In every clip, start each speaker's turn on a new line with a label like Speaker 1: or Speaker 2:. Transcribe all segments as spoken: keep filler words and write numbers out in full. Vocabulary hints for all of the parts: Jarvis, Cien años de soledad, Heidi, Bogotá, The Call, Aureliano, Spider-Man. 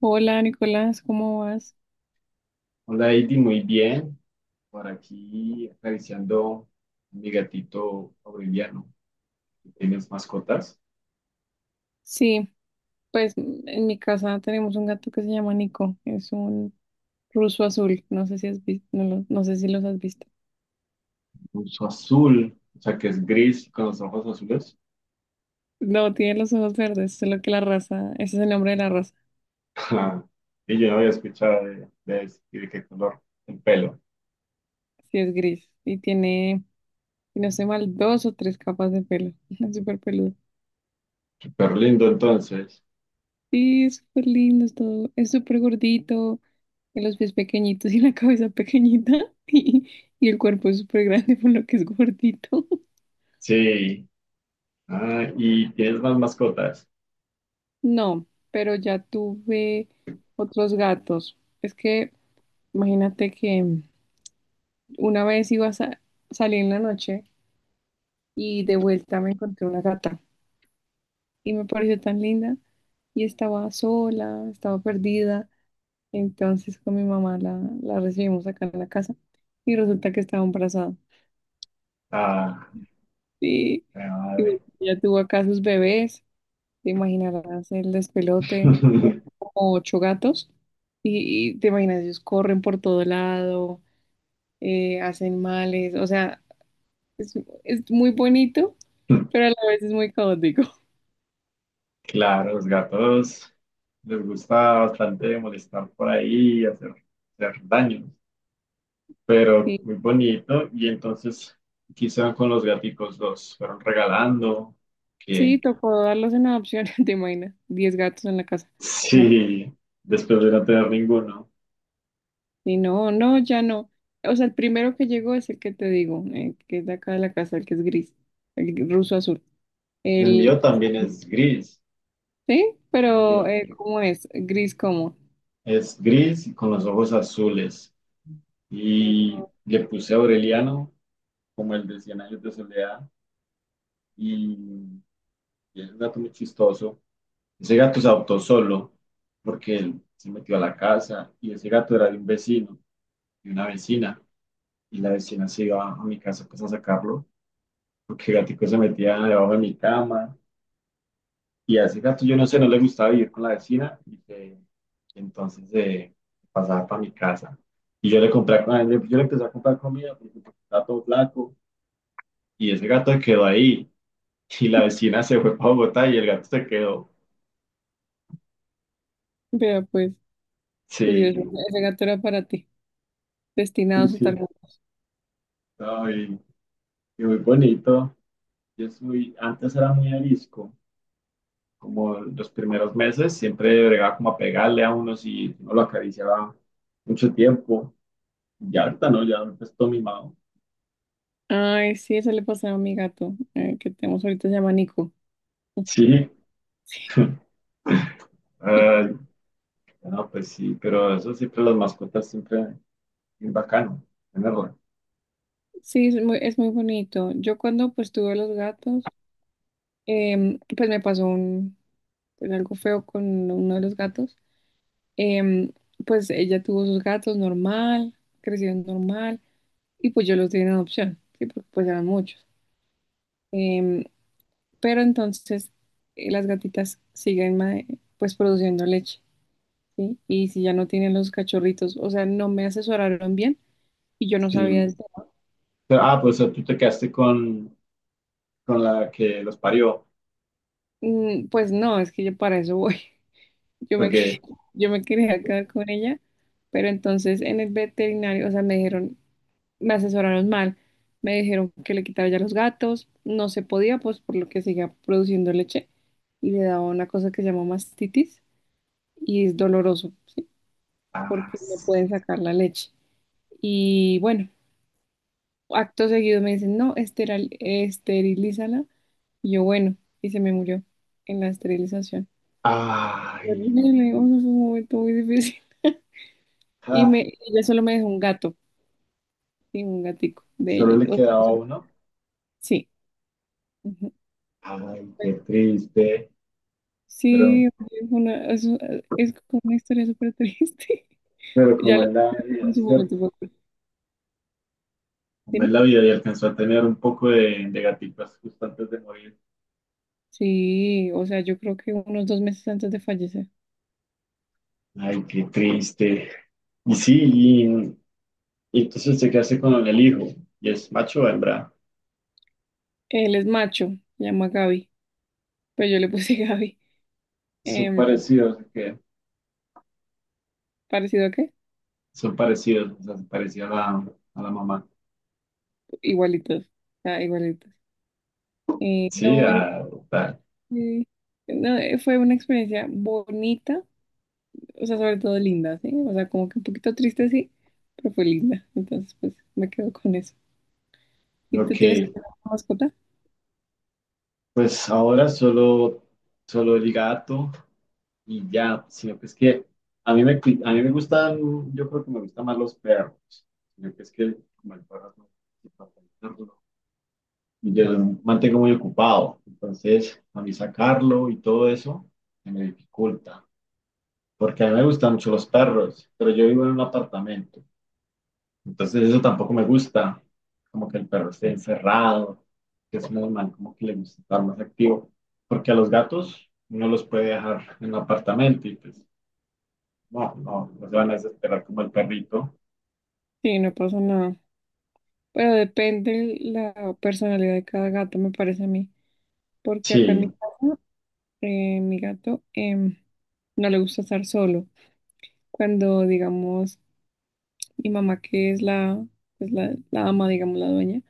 Speaker 1: Hola Nicolás, ¿cómo vas?
Speaker 2: Hola, Heidi, muy bien. Por aquí acariciando a mi gatito Aureliano. ¿Tienes mascotas?
Speaker 1: Sí, pues mm, en mi casa tenemos un gato que se llama Nico, es un ruso azul, no sé si has visto, no, lo- no sé si los has visto.
Speaker 2: Uso azul, o sea que es gris con los ojos azules.
Speaker 1: No, tiene los ojos verdes, solo que la raza, ese es el nombre de la raza,
Speaker 2: Y yo no había escuchado de, de, ese y de qué color el pelo.
Speaker 1: sí es gris y tiene, si no sé mal, dos o tres capas de pelo, es súper peludo.
Speaker 2: Súper lindo entonces.
Speaker 1: Sí, es súper lindo, es todo, es súper gordito, tiene los pies pequeñitos y la cabeza pequeñita y, y el cuerpo es súper grande por lo que es gordito.
Speaker 2: Sí. Ah, ¿y tienes más mascotas?
Speaker 1: No, pero ya tuve otros gatos. Es que imagínate que una vez iba a sa- salir en la noche y de vuelta me encontré una gata y me pareció tan linda y estaba sola, estaba perdida. Entonces con mi mamá la, la recibimos acá en la casa y resulta que estaba embarazada.
Speaker 2: Ah,
Speaker 1: Y,
Speaker 2: qué
Speaker 1: y
Speaker 2: madre.
Speaker 1: bueno, ya tuvo acá sus bebés. Te imaginarás el despelote, eran como ocho gatos, y, y te imaginas, ellos corren por todo lado, eh, hacen males, o sea, es, es muy bonito, pero a la vez es muy caótico.
Speaker 2: Claro, los gatos les gusta bastante molestar por ahí y hacer, hacer daño. Pero
Speaker 1: Sí,
Speaker 2: muy bonito. Y entonces quizá con los gaticos los fueron regalando, que
Speaker 1: sí, tocó darlos en adopción, te imaginas, diez gatos en la casa. No,
Speaker 2: sí, después de no tener ninguno.
Speaker 1: y no, no, ya no. O sea, el primero que llegó es el que te digo, eh, que es de acá de la casa, el que es gris, el ruso azul.
Speaker 2: El
Speaker 1: El,
Speaker 2: mío
Speaker 1: pues,
Speaker 2: también es gris,
Speaker 1: sí,
Speaker 2: el
Speaker 1: pero
Speaker 2: mío
Speaker 1: eh, ¿cómo es? Gris como.
Speaker 2: es gris y con los ojos azules. Y le puse Aureliano, como el de Cien años de soledad, y, y es un gato muy chistoso. Ese gato se adoptó solo porque él se metió a la casa, y ese gato era de un vecino, de una vecina. Y la vecina se iba a mi casa pues a sacarlo, porque el gatico se metía debajo de mi cama. Y a ese gato yo no sé, no le gustaba vivir con la vecina y que- y entonces eh, pasaba para mi casa. Y yo le compré, a- yo le empecé a comprar comida porque estaba todo flaco, y ese gato se quedó ahí, y la vecina se fue para Bogotá y el gato se quedó.
Speaker 1: Vea, pues, curioso,
Speaker 2: Sí,
Speaker 1: ese gato era para ti, destinado
Speaker 2: sí,
Speaker 1: a tal.
Speaker 2: sí. No, y, y muy bonito. Yo soy, antes era muy arisco, como los primeros meses siempre bregaba como a pegarle a uno si no lo acariciaba mucho tiempo. Ya ahorita no, ya pues todo mimado.
Speaker 1: Ay, sí, eso le pasaba a mi gato, eh, que tenemos ahorita, se llama Nico.
Speaker 2: Sí, ay, no, pues sí, pero eso siempre, las mascotas siempre es bacano tenerla.
Speaker 1: Sí, es muy, es muy bonito. Yo cuando pues tuve los gatos, em, pues me pasó un, pues algo feo con uno de los gatos. Em, pues ella tuvo sus gatos normal, crecieron normal, y pues yo los di en adopción, sí, porque pues eran muchos. Em, pero entonces eh, las gatitas siguen ma- pues produciendo leche. ¿Sí? Y si ya no tienen los cachorritos, o sea, no me asesoraron bien y yo no sabía del
Speaker 2: Sí.
Speaker 1: tema.
Speaker 2: Pero, ah, pues tú te quedaste con, con la que los parió,
Speaker 1: Mm, Pues no, es que yo para eso voy. Yo me, quería-
Speaker 2: porque,
Speaker 1: yo me quería quedar con ella, pero entonces en el veterinario, o sea, me dijeron, me asesoraron mal. Me dijeron que le quitara ya los gatos, no se podía, pues por lo que seguía produciendo leche y le daba una cosa que se llama mastitis y es doloroso, ¿sí?
Speaker 2: ah,
Speaker 1: Porque no
Speaker 2: s-,
Speaker 1: pueden sacar la leche. Y bueno, acto seguido me dicen, no, esteral, esterilízala. Y yo, bueno, y se me murió en la esterilización.
Speaker 2: ay,
Speaker 1: Horrible, o sea, fue un momento muy difícil. Y
Speaker 2: ah,
Speaker 1: me, ella solo me dejó un gato, sí, un gatico de
Speaker 2: solo
Speaker 1: ella.
Speaker 2: le
Speaker 1: O
Speaker 2: quedaba
Speaker 1: sea,
Speaker 2: uno.
Speaker 1: sí. Ujú.
Speaker 2: Ay, qué
Speaker 1: Bueno,
Speaker 2: triste, pero,
Speaker 1: sí, es, una, es, es como una historia súper triste.
Speaker 2: pero
Speaker 1: Ya
Speaker 2: como
Speaker 1: la
Speaker 2: es la
Speaker 1: en
Speaker 2: vida,
Speaker 1: su momento,
Speaker 2: ¿cierto?
Speaker 1: fue- ¿sí,
Speaker 2: Como es
Speaker 1: no?
Speaker 2: la vida, y alcanzó a tener un poco de, de gatitas justo antes de morir.
Speaker 1: Sí, o sea, yo creo que unos dos meses antes de fallecer.
Speaker 2: Ay, qué triste. Y sí, y, y entonces se hace con el hijo, y es macho o hembra.
Speaker 1: Él es macho, se llama Gaby, pero yo le puse Gaby.
Speaker 2: Son
Speaker 1: Em,
Speaker 2: parecidos, ¿sí? Que
Speaker 1: ¿parecido a qué?
Speaker 2: son parecidos, o sea, se parecía a la, a la mamá.
Speaker 1: Igualitos, o sea, igualitos. Eh,
Speaker 2: Sí,
Speaker 1: no,
Speaker 2: a adoptar.
Speaker 1: sí. No, eh, fue una experiencia bonita, o sea, sobre todo linda, ¿sí? O sea, como que un poquito triste, sí, pero fue linda. Entonces, pues me quedo con eso. ¿Y tú
Speaker 2: Ok,
Speaker 1: tienes alguna mascota?
Speaker 2: pues ahora solo, solo el gato y ya, sino que es que a mí me, cu- a mí me gustan, yo creo que me gustan más los perros, sino que es que como el perro es más- yo mantengo muy ocupado, entonces a mí sacarlo y todo eso se me dificulta, porque a mí me gustan mucho los perros, pero yo vivo en un apartamento, entonces eso tampoco me gusta, como que el perro esté encerrado, que es normal, como que le gusta estar más activo, porque a los gatos uno los puede dejar en un apartamento y pues no, no, no se van a desesperar como el perrito.
Speaker 1: Sí, no pasa nada. Pero depende la personalidad de cada gato, me parece a mí. Porque acá en mi
Speaker 2: Sí,
Speaker 1: casa, eh, mi gato em, no le gusta estar solo. Cuando, digamos, mi mamá, que es la, pues la, la ama, digamos, la dueña,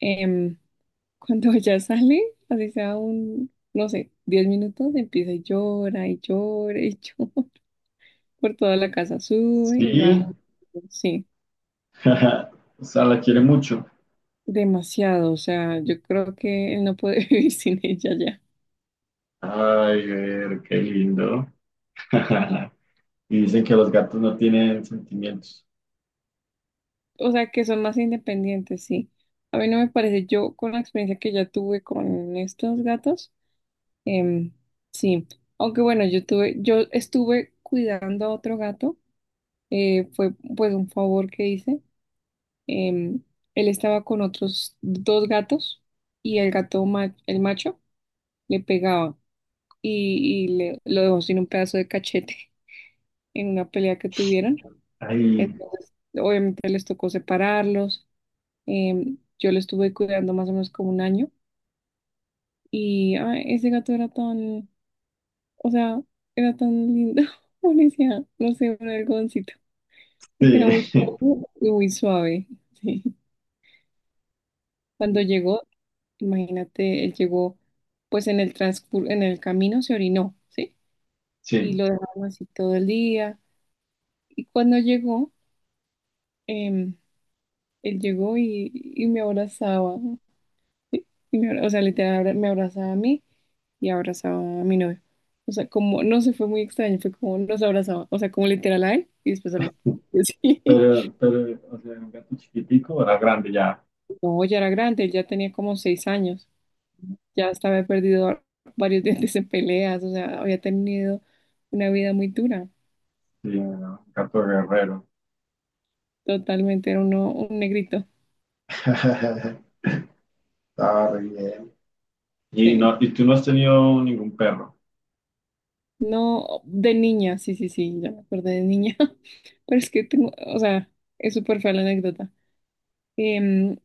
Speaker 1: em, Cuando ya sale, así sea un, no sé, diez minutos, empieza y llora y llora y llora por toda la casa, sube y baja.
Speaker 2: sí,
Speaker 1: Sí,
Speaker 2: o sea, la quiere mucho.
Speaker 1: demasiado. O sea, yo creo que él no puede vivir sin ella ya.
Speaker 2: Ay, ver, qué lindo. Y dicen que los gatos no tienen sentimientos.
Speaker 1: O sea, que son más independientes, sí. A mí no me parece, yo con la experiencia que ya tuve con estos gatos, em, sí. Aunque bueno, yo tuve, yo estuve cuidando a otro gato, eh, fue pues un favor que hice. Em, él estaba con otros dos gatos y el gato, ma- el macho le pegaba y, y le, lo dejó sin un pedazo de cachete en una pelea que tuvieron.
Speaker 2: Ay,
Speaker 1: Entonces, obviamente les tocó separarlos. Em, yo lo estuve cuidando más o menos como un año y ay, ese gato era tan, o sea, era tan lindo. Uno no sé, un algodoncito, porque era muy
Speaker 2: sí,
Speaker 1: cómodo y muy suave. Sí. Cuando llegó, imagínate, él llegó, pues en el transcur en el camino se orinó, ¿sí? Y
Speaker 2: sí.
Speaker 1: lo dejaron así todo el día. Y cuando llegó, em, él llegó y, y me abrazaba, ¿sí? Y me abra- o sea, literal, abra- me abrazaba a mí y abrazaba a mi novio. O sea, como, no sé, fue muy extraño, fue como nos abrazaba, o sea, como literal a él y después a mí. Sí.
Speaker 2: Pero, pero, o sea, un gato chiquitico, era grande ya.
Speaker 1: No, ya era grande, él ya tenía como seis años, ya hasta había perdido varios dientes en peleas, o sea, había tenido una vida muy dura.
Speaker 2: Sí, ¿no? Un gato guerrero.
Speaker 1: Totalmente, era uno, un negrito.
Speaker 2: Está re bien. Y
Speaker 1: Sí.
Speaker 2: no, y tú no has tenido ningún perro.
Speaker 1: No, de niña, sí, sí, sí, ya me acordé de niña. Pero es que tengo, o sea, es súper fea la anécdota. Em,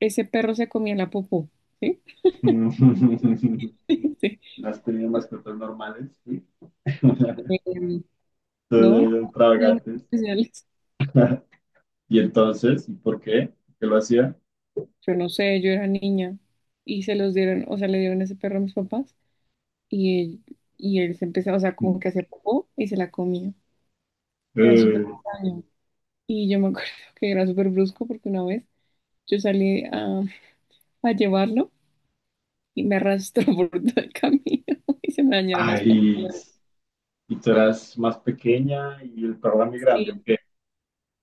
Speaker 1: ese perro se comía la popó, ¿sí?
Speaker 2: No
Speaker 1: Sí.
Speaker 2: has tenido mascotas normales, ¿sí? Entonces,
Speaker 1: Em, ¿no?
Speaker 2: eran
Speaker 1: Muy
Speaker 2: extravagantes.
Speaker 1: especiales.
Speaker 2: Y entonces, ¿y por qué? ¿Por qué lo hacía?
Speaker 1: Yo no sé, yo era niña y se los dieron, o sea, le dieron ese perro a mis papás y él, y él, se empezaba, o sea, como
Speaker 2: Mm.
Speaker 1: que hacía popó y se la comía. Era súper
Speaker 2: Eh,
Speaker 1: extraño. Y yo me acuerdo que era súper brusco porque una vez yo salí a, a llevarlo y me arrastró por todo el camino y se me dañaron los
Speaker 2: ay,
Speaker 1: pantalones.
Speaker 2: y tú eras más pequeña y el perro era muy grande, ¿o
Speaker 1: Sí.
Speaker 2: qué?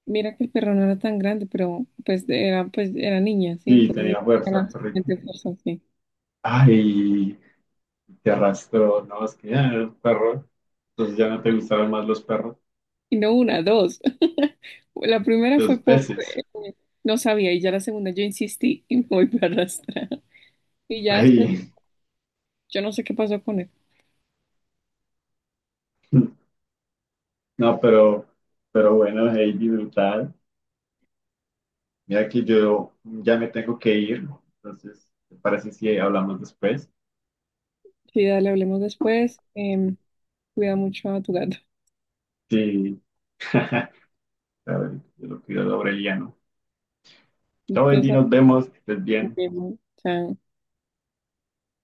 Speaker 1: Mira que el perro no era tan grande, pero pues era, pues era niña, ¿sí?
Speaker 2: Sí,
Speaker 1: Entonces
Speaker 2: tenía
Speaker 1: no tenía
Speaker 2: fuerza el
Speaker 1: la
Speaker 2: perrito.
Speaker 1: suficiente fuerza, sí.
Speaker 2: Ay, te arrastró, no, es que ya el perro. Entonces ya no te gustaron más los perros,
Speaker 1: Y no una, dos. La primera
Speaker 2: los
Speaker 1: fue por.
Speaker 2: peces.
Speaker 1: eh, no sabía, y ya la segunda yo insistí y me volví a arrastrar. Y ya después,
Speaker 2: Ay,
Speaker 1: yo no sé qué pasó con él.
Speaker 2: no, pero, pero bueno, Heidi, brutal. Mira que yo ya me tengo que ir, entonces, ¿te parece si hablamos después?
Speaker 1: Sí, dale, hablemos después. Em, cuida mucho a tu gato.
Speaker 2: Sí, a ver, yo lo cuido de Aureliano. Chao, Heidi,
Speaker 1: Entonces,
Speaker 2: nos vemos, que estés
Speaker 1: nos
Speaker 2: bien.
Speaker 1: vemos. Chao.